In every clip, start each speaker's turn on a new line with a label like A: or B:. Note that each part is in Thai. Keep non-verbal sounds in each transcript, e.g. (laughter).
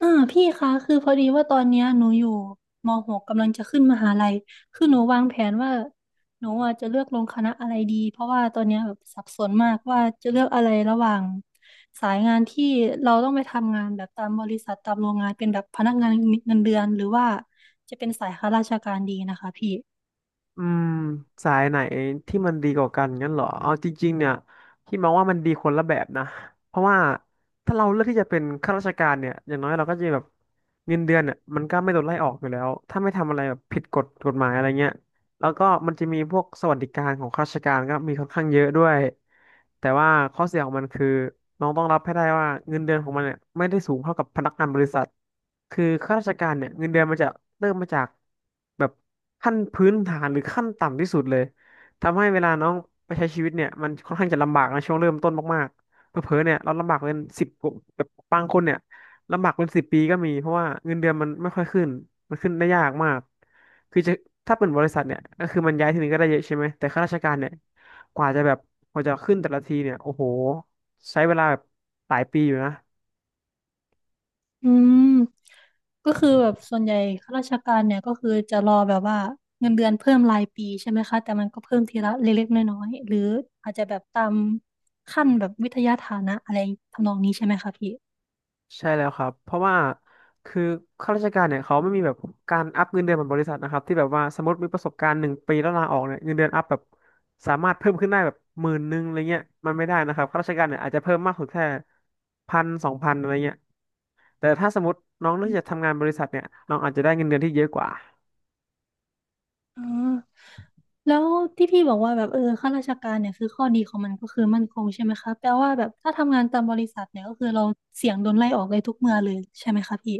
A: พี่คะคือพอดีว่าตอนเนี้ยหนูอยู่มหกกำลังจะขึ้นมหาลัยคือหนูวางแผนว่าหนูอ่ะจะเลือกลงคณะอะไรดีเพราะว่าตอนเนี้ยแบบสับสนมากว่าจะเลือกอะไรระหว่างสายงานที่เราต้องไปทำงานแบบตามบริษัทตามโรงงานเป็นแบบพนักงานเงินเดือนหรือว่าจะเป็นสายข้าราชการดีนะคะพี่
B: อืมสายไหนที่มันดีกว่ากันงั้นเหรอเอาจริงๆเนี่ยพี่มองว่ามันดีคนละแบบนะเพราะว่าถ้าเราเลือกที่จะเป็นข้าราชการเนี่ยอย่างน้อยเราก็จะแบบเงินเดือนเนี่ยมันก็ไม่โดนไล่ออกอยู่แล้วถ้าไม่ทำอะไรแบบผิดกฎกฎหมายอะไรเงี้ย แล้วก็มันจะมีพวกสวัสดิการของข้าราชการก็มีค่อนข้างเยอะด้วยแต่ว่าข้อเสียของมันคือน้องต้องรับให้ได้ว่าเงินเดือนของมันเนี่ยไม่ได้สูงเท่ากับพนักงานบริษัทคือข้าราชการเนี่ยเงินเดือนมันจะเริ่มมาจากแบบขั้นพื้นฐานหรือขั้นต่ำที่สุดเลยทำให้เวลาน้องไปใช้ชีวิตเนี่ยมันค่อนข้างจะลำบากในช่วงเริ่มต้นมากๆเผลอๆเนี่ยเราลำบากเป็นสิบแบบบางคนเนี่ยลำบากเป็นสิบปีก็มีเพราะว่าเงินเดือนมันไม่ค่อยขึ้นมันขึ้นได้ยากมาก คือจะถ้าเป็นบริษัทเนี่ยก็คือมันย้ายทีนึงก็ได้เยอะใช่ไหมแต่ข้าราชการเนี่ยกว่าจะแบบกว่าจะขึ้นแต่ละทีเนี่ยโอ้โหใช้เวลาแบบหลายปีอยู่นะ
A: อืมก็คือแบบส่วนใหญ่ข้าราชการเนี่ยก็คือจะรอแบบว่าเงินเดือนเพิ่มรายปีใช่ไหมคะแต่มันก็เพิ่มทีละเล็กๆน้อยๆหรืออาจจะแบบตามขั้นแบบวิทยาฐานะอะไรทำนองนี้ใช่ไหมคะพี่
B: ใช่แล้วครับเพราะว่าคือข้าราชการเนี่ยเขาไม่มีแบบการอัพเงินเดือนเหมือนบริษัทนะครับที่แบบว่าสมมติมีประสบการณ์1 ปีแล้วลาออกเนี่ยเงินเดือนอัพแบบสามารถเพิ่มขึ้นได้แบบหมื่นหนึ่งอะไรเงี้ยมันไม่ได้นะครับข้าราชการเนี่ยอาจจะเพิ่มมากสุดแค่พันสองพันอะไรเงี้ยแต่ถ้าสมมติน้องเลือกจะทำงานบริษัทเนี่ยน้องอาจจะได้เงินเดือนที่เยอะกว่า
A: อ๋อแล้วที่พี่บอกว่าแบบเออข้าราชการเนี่ยคือข้อดีของมันก็คือมั่นคงใช่ไหมคะแปลว่าแบบถ้าทำงานตามบริษัทเนี่ยก็คือเราเสี่ยงโดนไล่ออกเลยทุกเมื่อเลยใช่ไหมคะพี่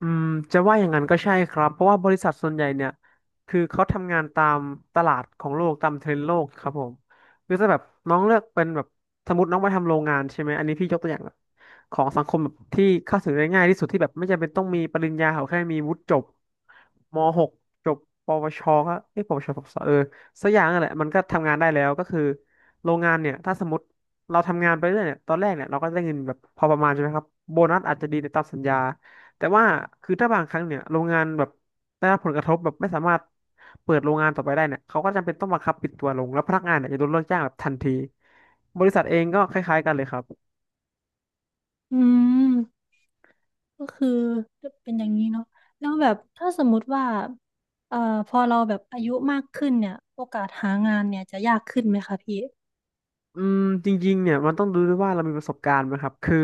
B: อืมจะว่าอย่างนั้นก็ใช่ครับเพราะว่าบริษัทส่วนใหญ่เนี่ยคือเขาทำงานตามตลาดของโลกตามเทรนด์โลกครับผมคือถ้าแบบน้องเลือกเป็นแบบสมมติน้องมาทำโรงงานใช่ไหมอันนี้พี่ยกตัวอย่างแบบของสังคมแบบที่เข้าถึงได้ง่ายที่สุดที่แบบไม่จำเป็นต้องมีปริญญาเขาแค่มีวุฒิจบม .6 จบปวชก็เอ้ยปวชปวสสักอย่างนั่นแหละมันก็ทำงานได้แล้วก็คือโรงงานเนี่ยถ้าสมมติเราทำงานไปเรื่อยเนี่ยตอนแรกเนี่ยเราก็ได้เงินแบบพอประมาณใช่ไหมครับโบนัสอาจจะดีในตามสัญญา แต่ว่าคือถ้าบางครั้งเนี่ยโรงงานแบบได้รับผลกระทบแบบไม่สามารถเปิดโรงงานต่อไปได้เนี่ยเขาก็จำเป็นต้องบังคับปิดตัวลงแล้วพนักงานเนี่ยจะโดนเลิกจ้างแบบทันทีบริษัทเองก็คล้ายๆกันเลยครับ
A: อืม ก็คือก็เป็นอย่างนี้เนาะแล้วแบบถ้าสมมุติว่าเอ่อพอเราแบบอายุมากขึ้นเนี่ยโอกาสหางานเนี่ยจะยากขึ้นไหมคะพี่
B: อืมจริงๆเนี่ยมันต้องดูด้วยว่าเรามีประสบการณ์ไหมครับคือ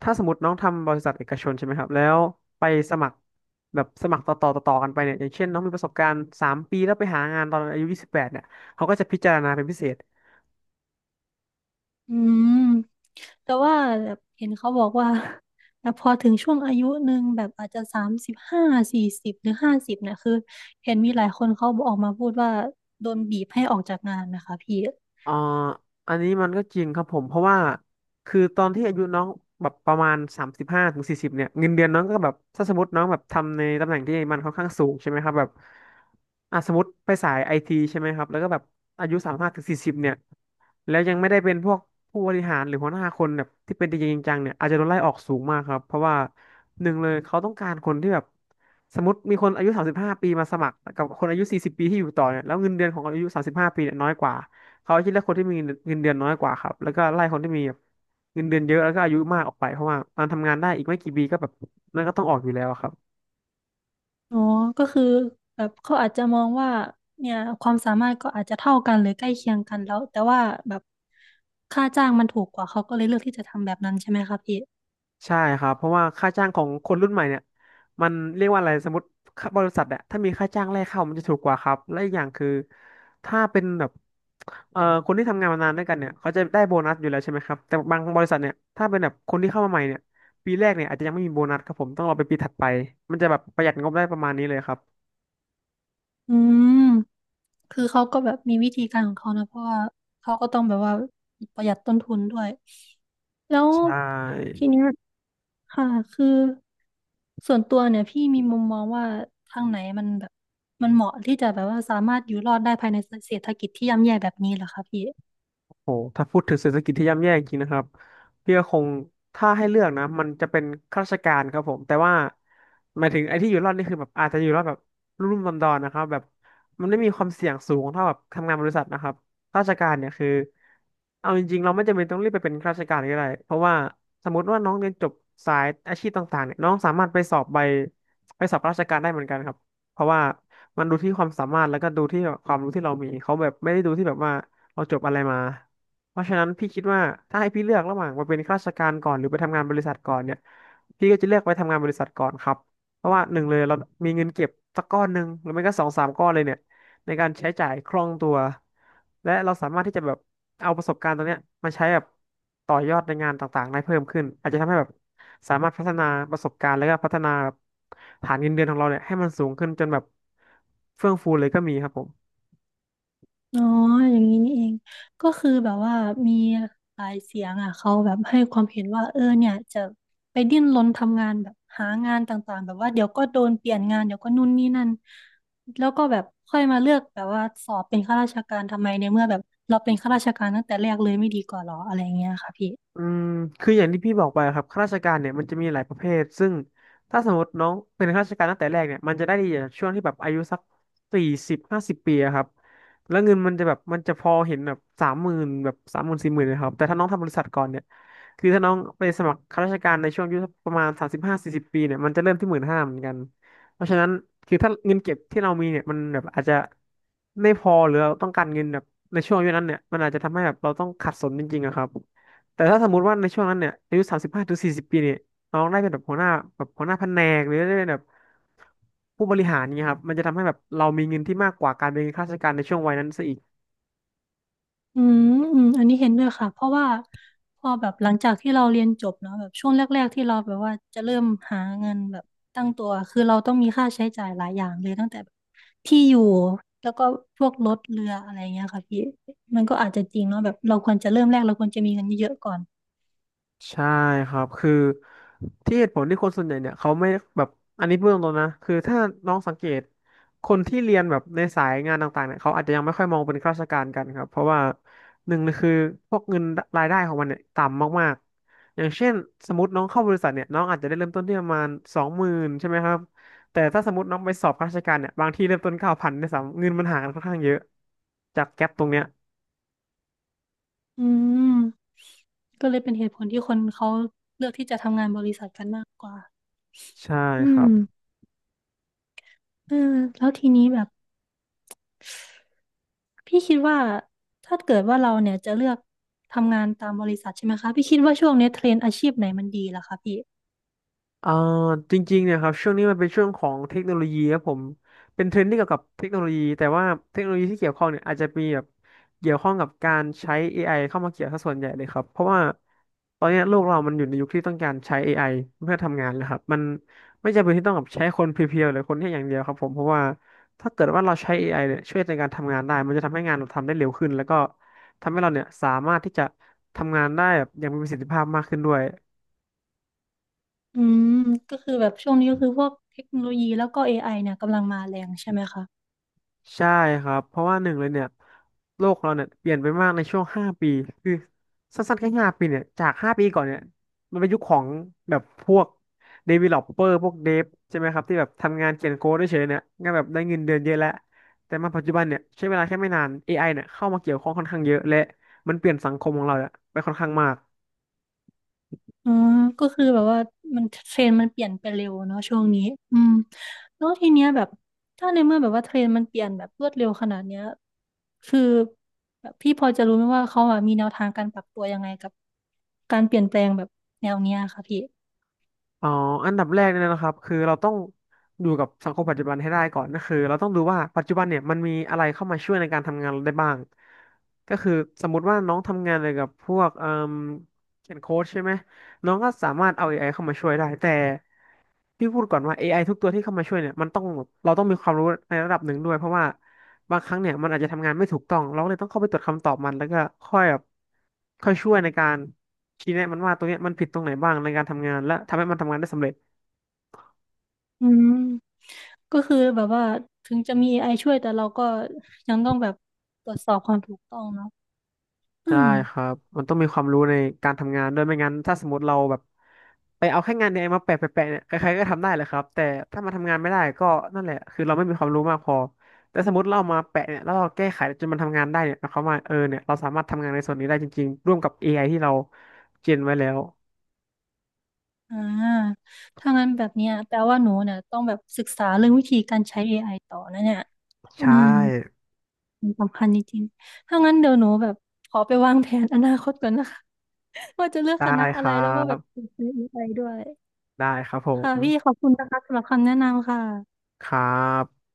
B: ถ้าสมมติน้องทำบริษัทเอกชนใช่ไหมครับแล้วไปสมัครแบบสมัครต่อต่อต่อต่อกันไปเนี่ยอย่างเช่นน้องมีประสบการณ์3 ปีแล้วไปหางานตอนอายุ28เนี่ยเขาก็จะพิจารณาเป็นพิเศษ
A: อืมแต่ว่าแบบเห็นเขาบอกว่า (laughs) แต่พอถึงช่วงอายุหนึ่งแบบอาจจะสามสิบห้าสี่สิบหรือห้าสิบเนี่ยคือเห็นมีหลายคนเขาออกมาพูดว่าโดนบีบให้ออกจากงานนะคะพี่
B: อ่าอันนี้มันก็จริงครับผมเพราะว่าคือตอนที่อายุน้องแบบประมาณ35 ถึง 40เนี่ยเงินเดือนน้องก็แบบถ้าสมมติน้องแบบทำในตำแหน่งที่มันค่อนข้างสูงใช่ไหมครับแบบอ่ะสมมติไปสายไอทีใช่ไหมครับแล้วก็แบบอายุสามห้าถึงสี่สิบเนี่ยแล้วยังไม่ได้เป็นพวกผู้บริหารหรือหัวหน้าคนแบบที่เป็นจริงๆจังๆเนี่ยอาจจะโดนไล่ออกสูงมากครับเพราะว่าหนึ่งเลยเขาต้องการคนที่แบบสมมติมีคนอายุสามสิบห้าปีมาสมัครกับคนอายุ40 ปีที่อยู่ต่อเนี่ยแล้วเงินเดือนของคนอายุสามสิบห้าปีเนี่ยน้อยกว่า เขาคิดเลือกคนที่มีเงินเดือนน้อยกว่าครับแล้วก็ไล่คนที่มีแบบเงินเดือนเยอะแล้วก็อายุมากออกไปเพราะว่ามันทำงานได้อีกไม่กี่ปีก็แบบนั่นก็ต้องออกอยู่แล้วครับ
A: อ๋อก็คือแบบเขาอาจจะมองว่าเนี่ยความสามารถก็อาจจะเท่ากันหรือใกล้เคียงกันแล้วแต่ว่าแบบค่าจ้างมันถูกกว่าเขาก็เลยเลือกที่จะทำแบบนั้นใช่ไหมคะพี่
B: ใช่ครับเพราะว่าค่าจ้างของคนรุ่นใหม่เนี่ยมันเรียกว่าอะไรสมมติค่าบริษัทอะถ้ามีค่าจ้างแรกเข้ามันจะถูกกว่าครับและอีกอย่างคือถ้าเป็นแบบคนที่ทำงานมานานด้วยกันเนี่ยเขาจะได้โบนัสอยู่แล้วใช่ไหมครับแต่บางบริษัทเนี่ยถ้าเป็นแบบคนที่เข้ามาใหม่เนี่ยปีแรกเนี่ยอาจจะยังไม่มีโบนัสครับผมต้องรอไปปีถัดไปมันจะแบบประหยัดงบได้ประมาณนี้เลยครับ
A: อืมคือเขาก็แบบมีวิธีการของเขานะเพราะว่าเขาก็ต้องแบบว่าประหยัดต้นทุนด้วยแล้ว
B: ใช
A: ที
B: ่
A: เนี้ยค่ะคือส่วนตัวเนี่ยพี่มีมุมมองว่าทางไหนมันแบบมันเหมาะที่จะแบบว่าสามารถอยู่รอดได้ภายในเศรษฐกิจที่ย่ำแย่แบบนี้เหรอคะพี่
B: โหถ้าพูดถึงเศรษฐกิจที่ย่ำแย่จริงนะครับพี่ก็คงถ้าให้เลือกนะ มันจะเป็นข้าราชการครับผม แต่ว่าหมายถึงไอ้ที่อยู่รอดนี่คือแบบอาจจะอยู่รอดแบบรุ่มๆดอนๆนะครับ แบบมันไม่มีความเสี่ยงสูงเท่าแบบทำงานบริษัทนะครับข้าราชการเนี่ยคือ เอาจริงๆเราไม่จำเป็นต้องรีบไปเป็นข้าราชการก็ได้เพราะว่าสมมติว่าน้องเรียนจบสายอาชีพต่างๆเนี่ยน้องสามารถไปสอบราชการได้เหมือนกันครับเพราะว่ามันดูที่ความสามารถแล้วก็ดูที่แบบความรู้ที่เรามีเขาแบบไม่ได้ดูที่แบบว่าเราจบอะไรมา เพราะฉะนั้นพี่คิดว่าถ้าให้พี่เลือกระหว่างมาเป็นข้าราชการก่อนหรือไปทำงานบริษัทก่อนเนี่ยพี่ก็จะเลือกไปทำงานบริษัทก่อนครับเพราะว่าหนึ่งเลยเรามีเงินเก็บสักก้อนหนึ่งหรือไม่ก็สองสามก้อนเลยเนี่ยในการใช้จ่ายคล่องตัวและเราสามารถที่จะแบบเอาประสบการณ์ตรงเนี้ยมาใช้แบบต่อยอดในงานต่างๆได้เพิ่มขึ้นอาจจะทำให้แบบสามารถพัฒนาประสบการณ์แล้วก็พัฒนาฐานเงินเดือนของเราเนี่ยให้มันสูงขึ้นจนแบบเฟื่องฟูเลยก็มีครับผม
A: อ๋ออย่างนี้นี่เองก็คือแบบว่ามีหลายเสียงอ่ะเขาแบบให้ความเห็นว่าเออเนี่ยจะไปดิ้นรนทำงานแบบหางานต่างๆแบบว่าเดี๋ยวก็โดนเปลี่ยนงานเดี๋ยวก็นู่นนี่นั่นแล้วก็แบบค่อยมาเลือกแบบว่าสอบเป็นข้าราชการทำไมในเมื่อแบบเราเป็นข้าราชการตั้งแต่แรกเลยไม่ดีกว่าหรออะไรอย่างเงี้ยค่ะพี่
B: อืมคืออย่างที่พี่บอกไปครับข้าราชการเนี่ยมันจะมีหลายประเภทซึ่งถ้าสมมติน้องเป็นข้าราชการตั้งแต่แรกเนี่ยมันจะได้ดีจากช่วงที่แบบอายุสักสี่สิบห้าสิบปีอะครับแล้วเงินมันจะแบบมันจะพอเห็นแบบสามหมื่นแบบสามหมื่นสี่หมื่นนะครับแต่ถ้าน้องทำบริษัทก่อนเนี่ยคือถ้าน้องไปสมัครข้าราชการในช่วงอายุสักประมาณสามสิบห้าสี่สิบปีเนี่ยมันจะเริ่มที่หมื่นห้าเหมือนกันเพราะฉะนั้นคือถ้าเงินเก็บที่เรามีเนี่ยมันแบบอาจจะไม่พอหรือเราต้องการเงินแบบในช่วงอายุนั้นเนี่ยมันอาจจะทำให้แบบเราต้องขัดสนจริงๆอะครับ แต่ถ้าสมมติว่าในช่วงนั้นเนี่ยอายุสามสิบห้าถึงสี่สิบปีเนี่ยน้องได้เป็นแบบหัวหน้าแบบหัวหน้าแผนกหรือได้เป็นแบบผู้บริหารเนี่ยครับมันจะทำให้แบบเรามีเงินที่มากกว่าการเป็นข้าราชการในช่วงวัยนั้นซะอีก
A: อืมอืมอันนี้เห็นด้วยค่ะเพราะว่าพอแบบหลังจากที่เราเรียนจบเนาะแบบช่วงแรกๆที่เราแบบว่าจะเริ่มหาเงินแบบตั้งตัวคือเราต้องมีค่าใช้จ่ายหลายอย่างเลยตั้งแต่แบบที่อยู่แล้วก็พวกรถเรืออะไรเงี้ยค่ะพี่มันก็อาจจะจริงเนาะแบบเราควรจะเริ่มแรกเราควรจะมีเงินเยอะๆก่อน
B: ใช่ครับ คือที่เหตุผลที่คนส่วนใหญ่เนี่ยเขาไม่แบบ อันนี้เบื้องต้นนะคือถ้าน้องสังเกตคนที่เรียนแบบในสายงานต่างๆเนี่ยเขาอาจจะยังไม่ค่อยมองเป็นข้าราชการกันครับ เพราะว่าหนึ่งเลยคือพวกเงินรายได้ของมันเนี่ยต่ำมากๆ อย่างเช่นสมมติน้องเข้าบริษัทเนี่ยน้องอาจจะได้เริ่มต้นที่ประมาณสองหมื่นใช่ไหมครับแต่ถ้าสมมติน้องไปสอบข้าราชการเนี่ยบางที่เริ่มต้นเก้าพันด้สามเงินมันห่างกันค่อนข้างเยอะจากแก๊ปตรงเนี้ย
A: อืมก็เลยเป็นเหตุผลที่คนเขาเลือกที่จะทำงานบริษัทกันมากกว่า
B: ใช่
A: อื
B: ครั
A: ม
B: บ
A: เออแล้วทีนี้แบบ พี่คิดว่าถ้าเกิดว่าเราเนี่ยจะเลือกทำงานตามบริษัทใช่ไหมคะพี่คิดว่าช่วงนี้เทรนด์อาชีพไหนมันดีล่ะคะพี่
B: เอ่อจริงๆเนี่ยครับช่วงนี้มันเป็นช่วงของเทคโนโลยีครับผมเป็นเทรนด์ที่เกี่ยวกับเทคโนโลยีแต่ว่าเทคโนโลยีที่เกี่ยวข้องเนี่ยอาจจะมีแบบเกี่ยวข้องกับการใช้ AI เข้ามาเกี่ยวซะส่วนใหญ่เลยครับเพราะว่าตอนเนี้ยโลกเรามันอยู่ในยุคที่ต้องการใช้ AI เพื่อทำงานนะครับมันไม่จำเป็นที่ต้องแบบใช้คนเพียวๆหรือคนแค่อย่างเดียวครับผมเพราะว่าถ้าเกิดว่าเราใช้เอไอเนี่ยช่วยในการทำงานได้มันจะทำให้งานเราทำได้เร็วขึ้นแล้วก็ทำให้เราเนี่ยสามารถที่จะทำงานได้แบบอย่างมีประสิทธิภาพมากขึ้นด้วย
A: อืมก็คือแบบช่วงนี้ก็คือพวกเทคโนโลยีแล้วก็เอไอเนี่ยกำลังมาแรงใช่ไหมคะ
B: ใช่ครับเพราะว่าหนึ่งเลยเนี่ยโลกเราเนี่ยเปลี่ยนไปมากในช่วงห้าปีคือสั้นๆแค่ห้าปีเนี่ยจากห้าปีก่อนเนี่ยมันเป็นยุคของแบบพวก developer พวกเดฟใช่ไหมครับที่แบบทำงานเขียนโค้ดเฉยๆเนี่ยงานแบบได้เงินเดือนเยอะแล้วแต่มาปัจจุบันเนี่ยใช้เวลาแค่ไม่นาน AI เนี่ยเข้ามาเกี่ยวข้องค่อนข้างเยอะและมันเปลี่ยนสังคมของเราเนี่ยไปค่อนข้างมาก
A: อืมก็คือแบบว่ามันเทรนด์มันเปลี่ยนไปเร็วเนาะช่วงนี้อืมแล้วทีเนี้ยแบบถ้าในเมื่อแบบว่าเทรนด์มันเปลี่ยนแบบรวดเร็วขนาดเนี้ยคือแบบพี่พอจะรู้ไหมว่าเขาอะมีแนวทางการปรับตัวยังไงกับการเปลี่ยนแปลงแบบแนวเนี้ยค่ะพี่
B: อ๋ออันดับแรกเนี่ยนะครับคือเราต้องอยู่กับสังคมปัจจุบันให้ได้ก่อนก็คือเราต้องดูว่าปัจจุบันเนี่ยมันมีอะไรเข้ามาช่วยในการทำงานเราได้บ้างก็คือสมมุติว่าน้องทำงานเกี่ยวกับพวกเอ่มเขียนโค้ดใช่ไหมน้องก็สามารถเอา อไอเข้ามาช่วยได้แต่พี่พูดก่อนว่า AI ทุกตัวที่เข้ามาช่วยเนี่ยมันต้องเราต้องมีความรู้ในระดับหนึ่งด้วยเพราะว่า บางครั้งเนี่ยมันอาจจะทำงานไม่ถูกต้องเราก็เลยต้องเข้าไปตรวจคำตอบมันแล้วก็ค่อยแบบค่อยช่วยในการชี้แนะมันว่าตรงเนี้ยมันผิดตรงไหนบ้างในการทำงานและทำให้มันทำงานได้สำเร็จ
A: อืม ก็คือแบบว่าถึงจะมี AI ช่วยแต่เราก็ยังต้องแบบตรวจสอบความถูกต้องเนาะอื
B: ใช่
A: ม
B: ครับมันต้องมีความรู้ในการทำงานด้วยไม่งั้นถ้าสมมติเราแบบไปเอาแค่งานในไอมาแปะเนี่ยใครๆก็ทำได้แหละครับแต่ถ้ามาทำงานไม่ได้ก็นั่นแหละคือเราไม่มีความรู้มากพอแต่สมมติเราเอามาแปะเนี่ยแล้วเราแก้ไขจนมันทำงานได้เนี่ยหมายความว่าเออเนี่ยเราสามารถทำงานในส่วนนี้ได้จริงๆร่วมกับเอไอที่เราเจนไว้แล้ว
A: อ่าถ้างั้นแบบเนี้ยแปลว่าหนูเนี่ยต้องแบบศึกษาเรื่องวิธีการใช้ AI ต่อนะเนี่ยอื
B: ใช่
A: มมันสำคัญจริงๆถ้างั้นเดี๋ยวหนูแบบขอไปวางแผนอนาคตก่อนนะคะ (laughs) ว่าจะเลือก
B: ได้
A: คณะ
B: ค
A: อะไร
B: รั
A: แล้วก็แบบ
B: บ
A: ไป้ AI ด้วย
B: ได้ครับผ
A: ค่ะพี่ข
B: ม
A: อบคุณนะคะสำหรับคำแนะนำค่ะ
B: ครับ